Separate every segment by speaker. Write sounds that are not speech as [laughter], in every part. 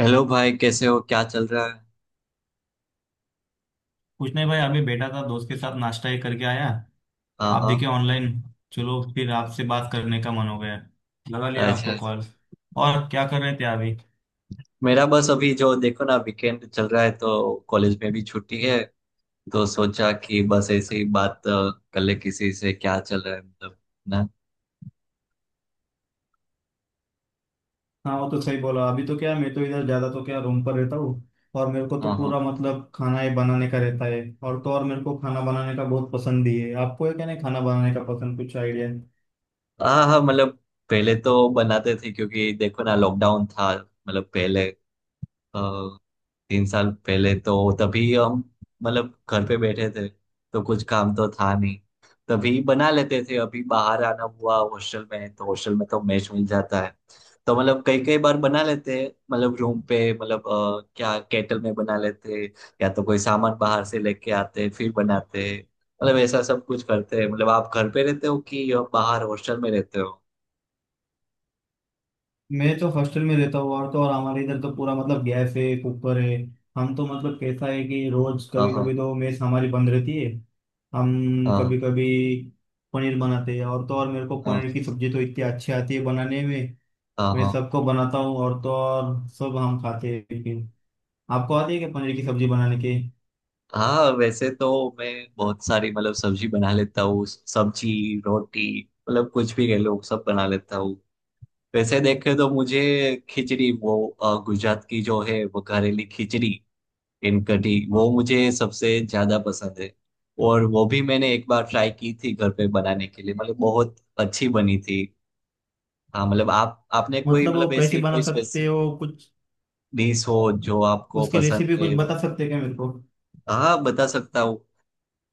Speaker 1: Hello भाई, कैसे हो? क्या चल रहा है?
Speaker 2: कुछ नहीं भाई। अभी बैठा था, दोस्त के साथ नाश्ता ही करके आया।
Speaker 1: हाँ
Speaker 2: आप
Speaker 1: हाँ।
Speaker 2: देखे ऑनलाइन, चलो फिर आपसे बात करने का मन हो गया, लगा लिया
Speaker 1: अच्छा
Speaker 2: आपको
Speaker 1: अच्छा।
Speaker 2: कॉल। और क्या कर रहे थे अभी?
Speaker 1: मेरा बस अभी जो देखो ना वीकेंड चल रहा है तो कॉलेज में भी छुट्टी है। तो सोचा कि बस ऐसे ही बात कर ले किसी से, क्या चल रहा है मतलब ना।
Speaker 2: हाँ वो तो सही बोला। अभी तो क्या, मैं तो इधर ज्यादा तो क्या रूम पर रहता हूँ। और मेरे को तो
Speaker 1: हाँ हाँ।
Speaker 2: पूरा मतलब खाना ही बनाने का रहता है, और तो और मेरे को खाना बनाने का बहुत पसंद भी है। आपको है क्या नहीं खाना बनाने का पसंद? कुछ आइडिया।
Speaker 1: हाँ हाँ मतलब पहले तो बनाते थे क्योंकि देखो ना लॉकडाउन था मतलब पहले अ, 3 साल पहले। तो तभी हम मतलब घर पे बैठे थे तो कुछ काम तो था नहीं, तभी बना लेते थे। अभी बाहर आना हुआ, हॉस्टल में है, तो हॉस्टल में तो मैच मिल जाता है। तो मतलब कई कई बार बना लेते हैं मतलब रूम पे मतलब क्या केटल में बना लेते हैं, या तो कोई सामान बाहर से लेके आते हैं, फिर बनाते हैं। मतलब ऐसा सब कुछ करते हैं। मतलब आप घर पे रहते हो कि बाहर हॉस्टल में रहते हो?
Speaker 2: मैं तो हॉस्टल में रहता हूँ, और तो और हमारे इधर तो पूरा मतलब गैस है, कुकर है। हम तो मतलब कैसा है कि रोज
Speaker 1: हाँ
Speaker 2: कभी
Speaker 1: हाँ।
Speaker 2: कभी तो मेस हमारी बंद रहती है। हम
Speaker 1: हाँ
Speaker 2: कभी कभी पनीर बनाते हैं, और तो और मेरे को
Speaker 1: हाँ।
Speaker 2: पनीर की सब्जी तो इतनी अच्छी आती है बनाने में।
Speaker 1: हाँ
Speaker 2: मैं
Speaker 1: हाँ।
Speaker 2: सबको बनाता हूँ और तो और सब हम खाते हैं। लेकिन आपको आती है क्या पनीर की सब्जी बनाने के?
Speaker 1: हाँ वैसे तो मैं बहुत सारी मतलब सब्जी बना लेता हूँ। सब्जी, रोटी, मतलब कुछ भी कह लो सब बना लेता हूँ। वैसे देखे तो मुझे खिचड़ी, वो गुजरात की जो है वो करेली खिचड़ी इन कढ़ी, वो मुझे सबसे ज्यादा पसंद है। और वो भी मैंने एक बार ट्राई की थी घर पे बनाने के लिए, मतलब बहुत अच्छी बनी थी। हाँ मतलब आप आपने कोई
Speaker 2: मतलब वो
Speaker 1: मतलब
Speaker 2: कैसे
Speaker 1: ऐसी कोई
Speaker 2: बना सकते
Speaker 1: स्पेसिफिक
Speaker 2: हो कुछ?
Speaker 1: डिश हो जो आपको
Speaker 2: उसकी
Speaker 1: पसंद
Speaker 2: रेसिपी कुछ
Speaker 1: है?
Speaker 2: बता सकते हैं क्या मेरे को?
Speaker 1: हाँ, बता सकता हूँ।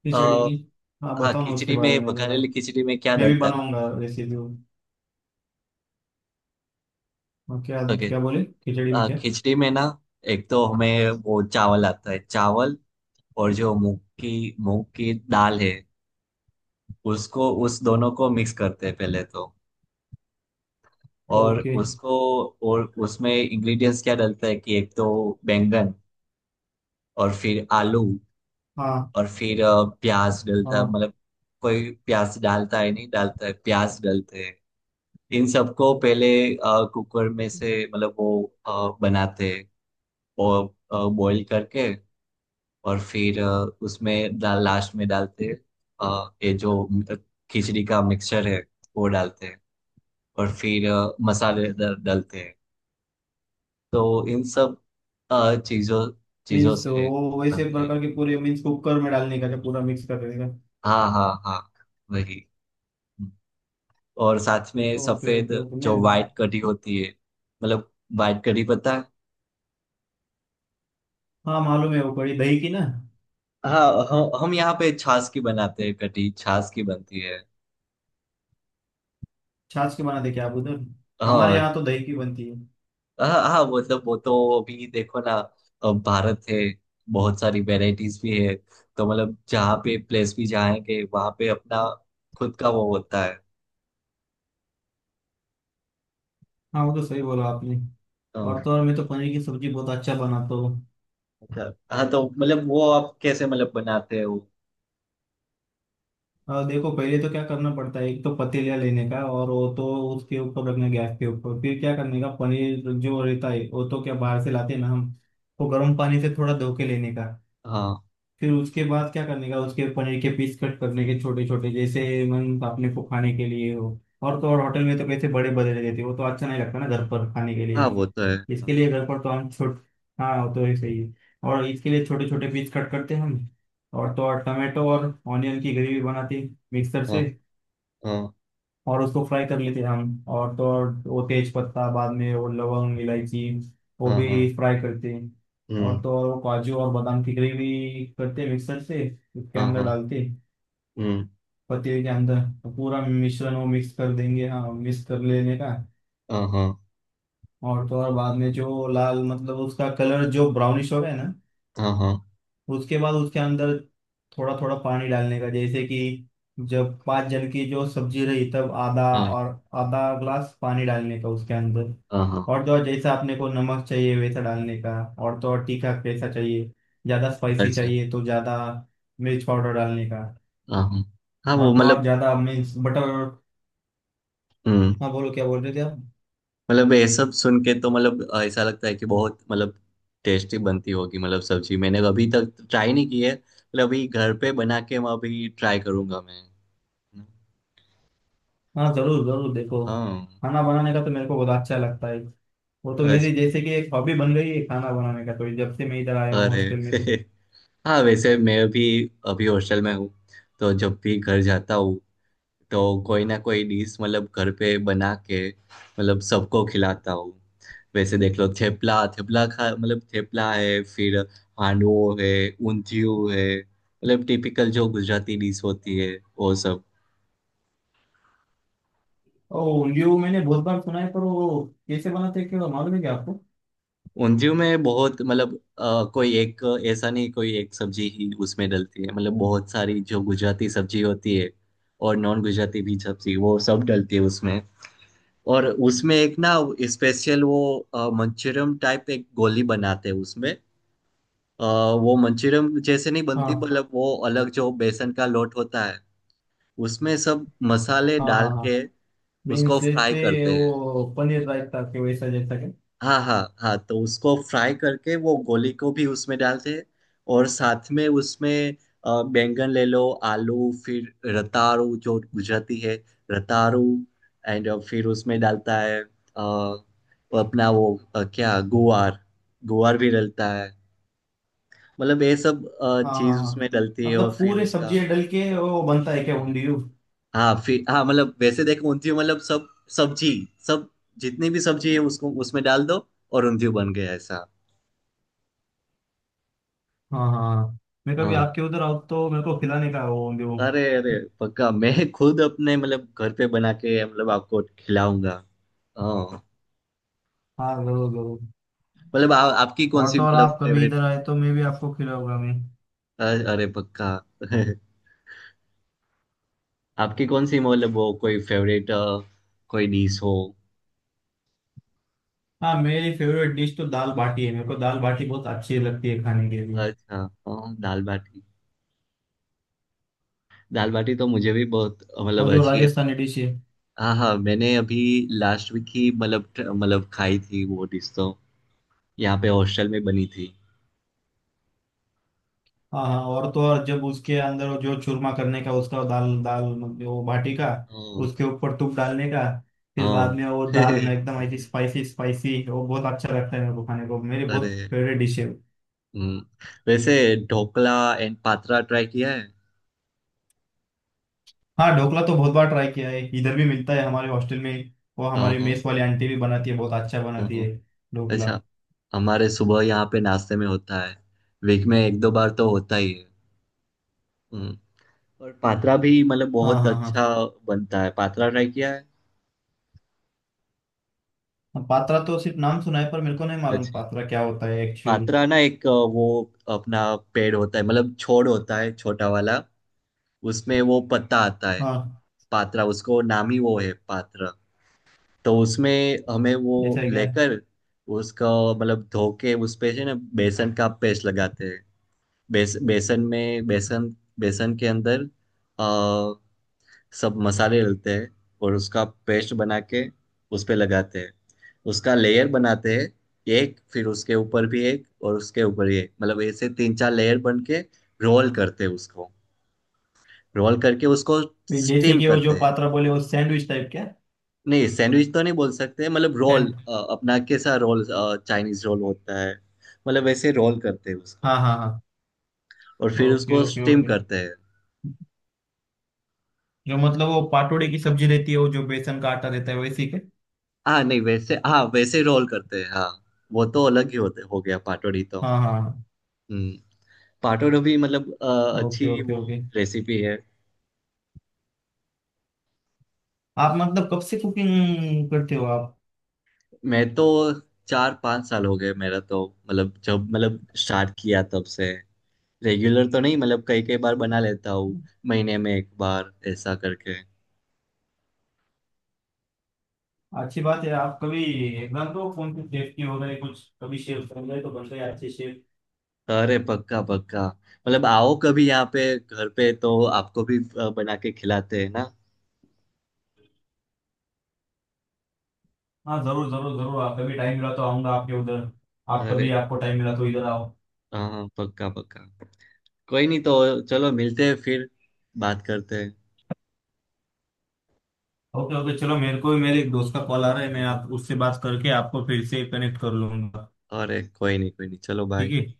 Speaker 2: खिचड़ी की। हाँ
Speaker 1: हाँ
Speaker 2: बताओ ना उसके
Speaker 1: खिचड़ी
Speaker 2: बारे
Speaker 1: में,
Speaker 2: में जरा,
Speaker 1: बघारेली खिचड़ी में क्या
Speaker 2: मैं भी
Speaker 1: डलता है।
Speaker 2: बनाऊंगा रेसिपी। और क्या,
Speaker 1: ओके।
Speaker 2: क्या बोले? खिचड़ी में
Speaker 1: हाँ
Speaker 2: क्या?
Speaker 1: खिचड़ी में ना, एक तो हमें वो चावल आता है चावल, और जो मूंग की दाल है, उसको उस दोनों को मिक्स करते हैं पहले तो। और
Speaker 2: ओके।
Speaker 1: उसको, और उसमें इंग्रेडिएंट्स क्या डलता है कि एक तो बैंगन, और फिर आलू,
Speaker 2: हाँ
Speaker 1: और फिर प्याज डलता है।
Speaker 2: हाँ।
Speaker 1: मतलब कोई प्याज डालता है, नहीं डालता है, प्याज डलते हैं। इन सबको पहले कुकर में से मतलब वो बनाते हैं, और बॉईल करके और फिर उसमें डाल, लास्ट में डालते हैं ये जो खिचड़ी का मिक्सचर है वो डालते हैं। और फिर मसाले डालते हैं। तो इन सब चीजों चीजों
Speaker 2: मीन्स
Speaker 1: से
Speaker 2: वो वैसे
Speaker 1: बनते हैं।
Speaker 2: प्रकार के पूरे, मीन्स कुकर में डालने का, जो पूरा मिक्स कर देने का।
Speaker 1: हाँ हाँ हाँ, वही। और साथ में
Speaker 2: ओके
Speaker 1: सफेद
Speaker 2: ओके ओके। मैं।
Speaker 1: जो वाइट कढ़ी होती है, मतलब वाइट कढ़ी पता है।
Speaker 2: हाँ मालूम है, वो कड़ी दही की ना?
Speaker 1: हाँ हम यहाँ पे छाछ की बनाते हैं, कढ़ी छाछ की बनती है।
Speaker 2: छाछ के बनाते क्या आप उधर? हमारे
Speaker 1: हाँ
Speaker 2: यहाँ तो दही की बनती है।
Speaker 1: हाँ। हाँ मतलब वो तो अभी देखो ना, भारत है, बहुत सारी वैरायटीज भी है। तो मतलब जहाँ पे प्लेस भी जाएंगे, वहाँ पे अपना खुद का वो होता है।
Speaker 2: हाँ वो तो सही बोला आपने। और
Speaker 1: हाँ।
Speaker 2: तो और मैं तो पनीर की सब्जी बहुत अच्छा बनाता हूँ।
Speaker 1: हाँ, तो मतलब वो आप कैसे मतलब बनाते हो?
Speaker 2: और देखो, पहले तो क्या करना पड़ता है, एक तो पतीला लेने का, और वो तो उसके ऊपर रखना गैस के ऊपर। फिर क्या करने का, पनीर जो रहता है वो तो क्या बाहर से लाते हैं ना हम, वो गर्म पानी से थोड़ा धो के लेने का।
Speaker 1: हाँ
Speaker 2: फिर उसके बाद क्या करने का, उसके पनीर के पीस कट करने के छोटे छोटे, जैसे मन अपने को खाने के लिए हो। और तो और होटल में तो कैसे बड़े बड़े देते हैं, वो तो अच्छा नहीं लगता ना घर पर खाने के
Speaker 1: हाँ
Speaker 2: लिए।
Speaker 1: वो तो है।
Speaker 2: इसके लिए घर पर तो हम छोट हाँ वो तो ऐसे ही है। और इसके लिए छोटे छोटे पीस कट करते हैं हम। और तो और टमाटो और ऑनियन की ग्रेवी बनाते हैं मिक्सर से,
Speaker 1: हाँ हाँ।
Speaker 2: और उसको फ्राई कर लेते हैं हम। और तो और वो तेज पत्ता, बाद में वो लवंग इलायची वो
Speaker 1: हाँ हाँ हाँ,
Speaker 2: भी फ्राई करते हैं। और
Speaker 1: हम्म।
Speaker 2: तो और वो काजू और बादाम की ग्रेवी करते हैं मिक्सर से, उसके
Speaker 1: हाँ
Speaker 2: अंदर
Speaker 1: हाँ।
Speaker 2: डालते हैं,
Speaker 1: हम्म।
Speaker 2: पतीले के अंदर। तो पूरा मिश्रण वो मिक्स कर देंगे, हाँ मिक्स कर लेने का।
Speaker 1: हाँ हाँ
Speaker 2: और तो और बाद में जो लाल, मतलब उसका कलर जो ब्राउनिश हो गया ना,
Speaker 1: हाँ हाँ।
Speaker 2: उसके बाद उसके अंदर थोड़ा थोड़ा पानी डालने का। जैसे कि जब पाँच जन की जो सब्जी रही तब आधा,
Speaker 1: हाँ
Speaker 2: और आधा ग्लास पानी डालने का उसके अंदर।
Speaker 1: हाँ हाँ,
Speaker 2: और तो और जैसा आपने को नमक चाहिए वैसा डालने का। और तो और तीखा कैसा चाहिए, ज़्यादा स्पाइसी
Speaker 1: अच्छा।
Speaker 2: चाहिए तो ज़्यादा मिर्च पाउडर डालने का।
Speaker 1: हाँ हाँ हाँ, वो
Speaker 2: और तो और ज़्यादा मिर्च बटर।
Speaker 1: मतलब।
Speaker 2: हाँ बोलो, क्या बोल रहे थे आप?
Speaker 1: मतलब ये सब सुन के तो मतलब ऐसा लगता है कि बहुत मतलब टेस्टी बनती होगी मतलब सब्जी। मैंने अभी तक ट्राई नहीं की है, मतलब अभी घर पे बना के मैं अभी ट्राई करूंगा मैं।
Speaker 2: हाँ ज़रूर ज़रूर देखो,
Speaker 1: हाँ।
Speaker 2: खाना बनाने का तो मेरे को बहुत अच्छा लगता है। वो तो मेरी
Speaker 1: अच्छा।
Speaker 2: जैसे कि एक हॉबी बन गई है खाना बनाने का, तो जब से मैं इधर आया हूँ
Speaker 1: अरे
Speaker 2: हॉस्टल में तो।
Speaker 1: [laughs] हाँ वैसे मैं भी अभी हॉस्टल में हूँ, तो जब भी घर जाता हूँ तो कोई ना कोई डिश मतलब घर पे बना के मतलब सबको खिलाता हूँ। वैसे देख लो, थेपला, थेपला खा मतलब थेपला है, फिर हांडवो है, ऊंधियू है, मतलब टिपिकल जो गुजराती डिश होती है वो सब।
Speaker 2: ओ उंगलियों मैंने बहुत बार सुना है, पर वो कैसे बनाते हैं क्या मालूम है क्या आपको?
Speaker 1: ऊंधियू में बहुत मतलब कोई एक ऐसा नहीं, कोई एक सब्जी ही उसमें डलती है, मतलब बहुत सारी जो गुजराती सब्जी होती है और नॉन गुजराती भी सब्जी, वो सब डलती है उसमें। और उसमें एक ना, स्पेशल वो मंचूरियम टाइप एक गोली बनाते हैं उसमें। अ, वो मंचूरियम जैसे नहीं बनती,
Speaker 2: हाँ
Speaker 1: मतलब वो अलग जो बेसन का लोट होता है उसमें सब मसाले
Speaker 2: हाँ हाँ।
Speaker 1: डाल
Speaker 2: हाँ
Speaker 1: के
Speaker 2: मीन्स
Speaker 1: उसको फ्राई
Speaker 2: जैसे
Speaker 1: करते हैं।
Speaker 2: वो पनीर रायता के वैसा जैसा क्या?
Speaker 1: हाँ हाँ हाँ, तो उसको फ्राई करके वो गोली को भी उसमें डालते हैं। और साथ में उसमें बैंगन ले लो, आलू, फिर रताड़ू जो गुजराती है, रताड़ू, एंड फिर उसमें डालता है वो अपना वो क्या गुआर, गुआर भी डलता है। मतलब ये सब
Speaker 2: हाँ
Speaker 1: चीज
Speaker 2: हाँ
Speaker 1: उसमें
Speaker 2: हाँ।
Speaker 1: डलती है और
Speaker 2: मतलब
Speaker 1: फिर
Speaker 2: पूरे
Speaker 1: उसका।
Speaker 2: सब्जियां डल के वो बनता है क्या उंगलियों?
Speaker 1: हाँ फिर हाँ मतलब वैसे देखो ऊंधियो मतलब सब, सब्जी, सब, जितनी भी सब्जी है उसको उसमें डाल दो, और ऊंधियो बन गया ऐसा।
Speaker 2: हाँ हाँ। मैं कभी
Speaker 1: हाँ।
Speaker 2: आपके उधर आऊँ तो मेरे को खिलाने का है वो उंगलियों।
Speaker 1: अरे अरे, पक्का मैं खुद अपने मतलब घर पे बना के मतलब आपको खिलाऊंगा। हाँ
Speaker 2: हाँ जरूर जरूर।
Speaker 1: मतलब आपकी कौन
Speaker 2: और
Speaker 1: सी
Speaker 2: तो और
Speaker 1: मतलब
Speaker 2: आप कभी
Speaker 1: फेवरेट।
Speaker 2: इधर आए तो मैं भी आपको खिलाऊंगा मैं।
Speaker 1: अरे पक्का। [laughs] आपकी कौन सी मतलब वो कोई फेवरेट कोई डिश हो?
Speaker 2: हाँ मेरी फेवरेट डिश तो दाल बाटी है, मेरे को दाल बाटी बहुत अच्छी लगती है खाने के लिए।
Speaker 1: अच्छा। हाँ दाल बाटी, दाल बाटी तो मुझे भी बहुत
Speaker 2: और
Speaker 1: मतलब
Speaker 2: जो
Speaker 1: अच्छी है।
Speaker 2: राजस्थानी डिश है।
Speaker 1: हाँ हाँ मैंने अभी लास्ट वीक ही मतलब मतलब खाई थी वो डिश तो, यहाँ पे हॉस्टल में बनी थी।
Speaker 2: हाँ हाँ, और तो और जब उसके अंदर वो जो चूरमा करने का, उसका दाल, दाल मतलब वो बाटी का
Speaker 1: हाँ
Speaker 2: उसके ऊपर तुप डालने का, फिर बाद
Speaker 1: हाँ।
Speaker 2: में वो दाल
Speaker 1: [laughs]
Speaker 2: एकदम ऐसी स्पाइसी स्पाइसी, वो बहुत अच्छा लगता है मेरे को खाने को, मेरी बहुत
Speaker 1: अरे।
Speaker 2: फेवरेट डिश है।
Speaker 1: हम्म, वैसे ढोकला एंड पात्रा ट्राई किया है?
Speaker 2: हाँ ढोकला तो बहुत बार ट्राई किया है, इधर भी मिलता है हमारे हॉस्टल में। वो
Speaker 1: हाँ
Speaker 2: हमारी
Speaker 1: हाँ
Speaker 2: मेस वाली आंटी भी बनाती है, बहुत अच्छा
Speaker 1: हाँ,
Speaker 2: बनाती
Speaker 1: हाँ।
Speaker 2: है ढोकला।
Speaker 1: अच्छा, हमारे सुबह यहाँ पे नाश्ते में होता है, वीक में 1-2 बार तो होता ही है। हम्म, और पात्रा भी मतलब
Speaker 2: हाँ
Speaker 1: बहुत
Speaker 2: हाँ
Speaker 1: अच्छा
Speaker 2: हाँ।
Speaker 1: बनता है। पात्रा ट्राई किया है?
Speaker 2: पात्रा तो सिर्फ नाम सुना है, पर मेरे को नहीं मालूम
Speaker 1: अच्छा,
Speaker 2: पात्रा क्या होता है एक्चुअली।
Speaker 1: पात्रा ना एक वो अपना पेड़ होता है मतलब छोड़ होता है छोटा वाला, उसमें वो पत्ता आता है,
Speaker 2: हाँ
Speaker 1: पात्रा उसको नाम ही वो है पात्रा। तो उसमें हमें वो
Speaker 2: जैसा है क्या?
Speaker 1: लेकर उसका मतलब धो के उस पे है ना बेसन का पेस्ट लगाते हैं। बेसन में बेसन, बेसन के अंदर आ, सब मसाले डलते हैं, और उसका पेस्ट बना के उस पे लगाते हैं, उसका लेयर बनाते हैं एक, फिर उसके ऊपर भी एक, और उसके ऊपर भी एक, मतलब ऐसे 3-4 लेयर बन के रोल करते हैं उसको। रोल करके उसको
Speaker 2: जैसे
Speaker 1: स्टीम
Speaker 2: कि वो
Speaker 1: करते
Speaker 2: जो
Speaker 1: हैं।
Speaker 2: पात्रा बोले, वो सैंडविच टाइप क्या
Speaker 1: नहीं सैंडविच तो नहीं बोल सकते, मतलब रोल,
Speaker 2: सैंड
Speaker 1: अपना कैसा रोल, चाइनीज रोल होता है, मतलब वैसे रोल करते हैं उसको,
Speaker 2: हाँ हाँ हाँ।
Speaker 1: और फिर
Speaker 2: ओके
Speaker 1: उसको
Speaker 2: ओके
Speaker 1: स्टीम
Speaker 2: ओके।
Speaker 1: करते हैं।
Speaker 2: जो मतलब वो पाटोड़े की सब्जी रहती है, वो जो बेसन का आटा रहता है, वैसी के?
Speaker 1: हाँ नहीं वैसे, हाँ वैसे रोल करते हैं हाँ। वो तो अलग ही होते, हो गया पाटोड़ी तो।
Speaker 2: हाँ हाँ हाँ।
Speaker 1: हम्म, पाटोड़ी भी मतलब
Speaker 2: ओके
Speaker 1: अच्छी
Speaker 2: ओके
Speaker 1: वो
Speaker 2: ओके।
Speaker 1: रेसिपी है।
Speaker 2: आप मतलब कब से कुकिंग करते हो आप?
Speaker 1: मैं तो 4-5 साल हो गए मेरा तो, मतलब जब मतलब स्टार्ट किया तब से। रेगुलर तो नहीं, मतलब कई कई बार बना लेता हूँ, महीने में 1 बार ऐसा करके।
Speaker 2: अच्छी बात है। आप कभी एग्जाम दो कौन सी शेफ की, हो गए कुछ कभी शेफ बन गए तो बन गए अच्छे शेफ।
Speaker 1: अरे पक्का पक्का, मतलब आओ कभी यहाँ पे घर पे तो आपको भी बना के खिलाते हैं ना।
Speaker 2: हाँ जरूर जरूर जरूर, आप कभी टाइम मिला तो आऊंगा आपके उधर, आप कभी
Speaker 1: अरे
Speaker 2: आपको टाइम मिला तो इधर आओ।
Speaker 1: हाँ हाँ, पक्का पक्का। कोई नहीं तो चलो मिलते हैं फिर, बात करते हैं।
Speaker 2: Okay okay. चलो, मेरे को भी मेरे एक दोस्त का कॉल आ रहा है,
Speaker 1: हाँ,
Speaker 2: मैं
Speaker 1: हाँ।
Speaker 2: आप उससे बात करके आपको फिर से कनेक्ट कर लूंगा।
Speaker 1: अरे कोई नहीं, कोई नहीं, चलो
Speaker 2: ठीक
Speaker 1: बाय।
Speaker 2: है।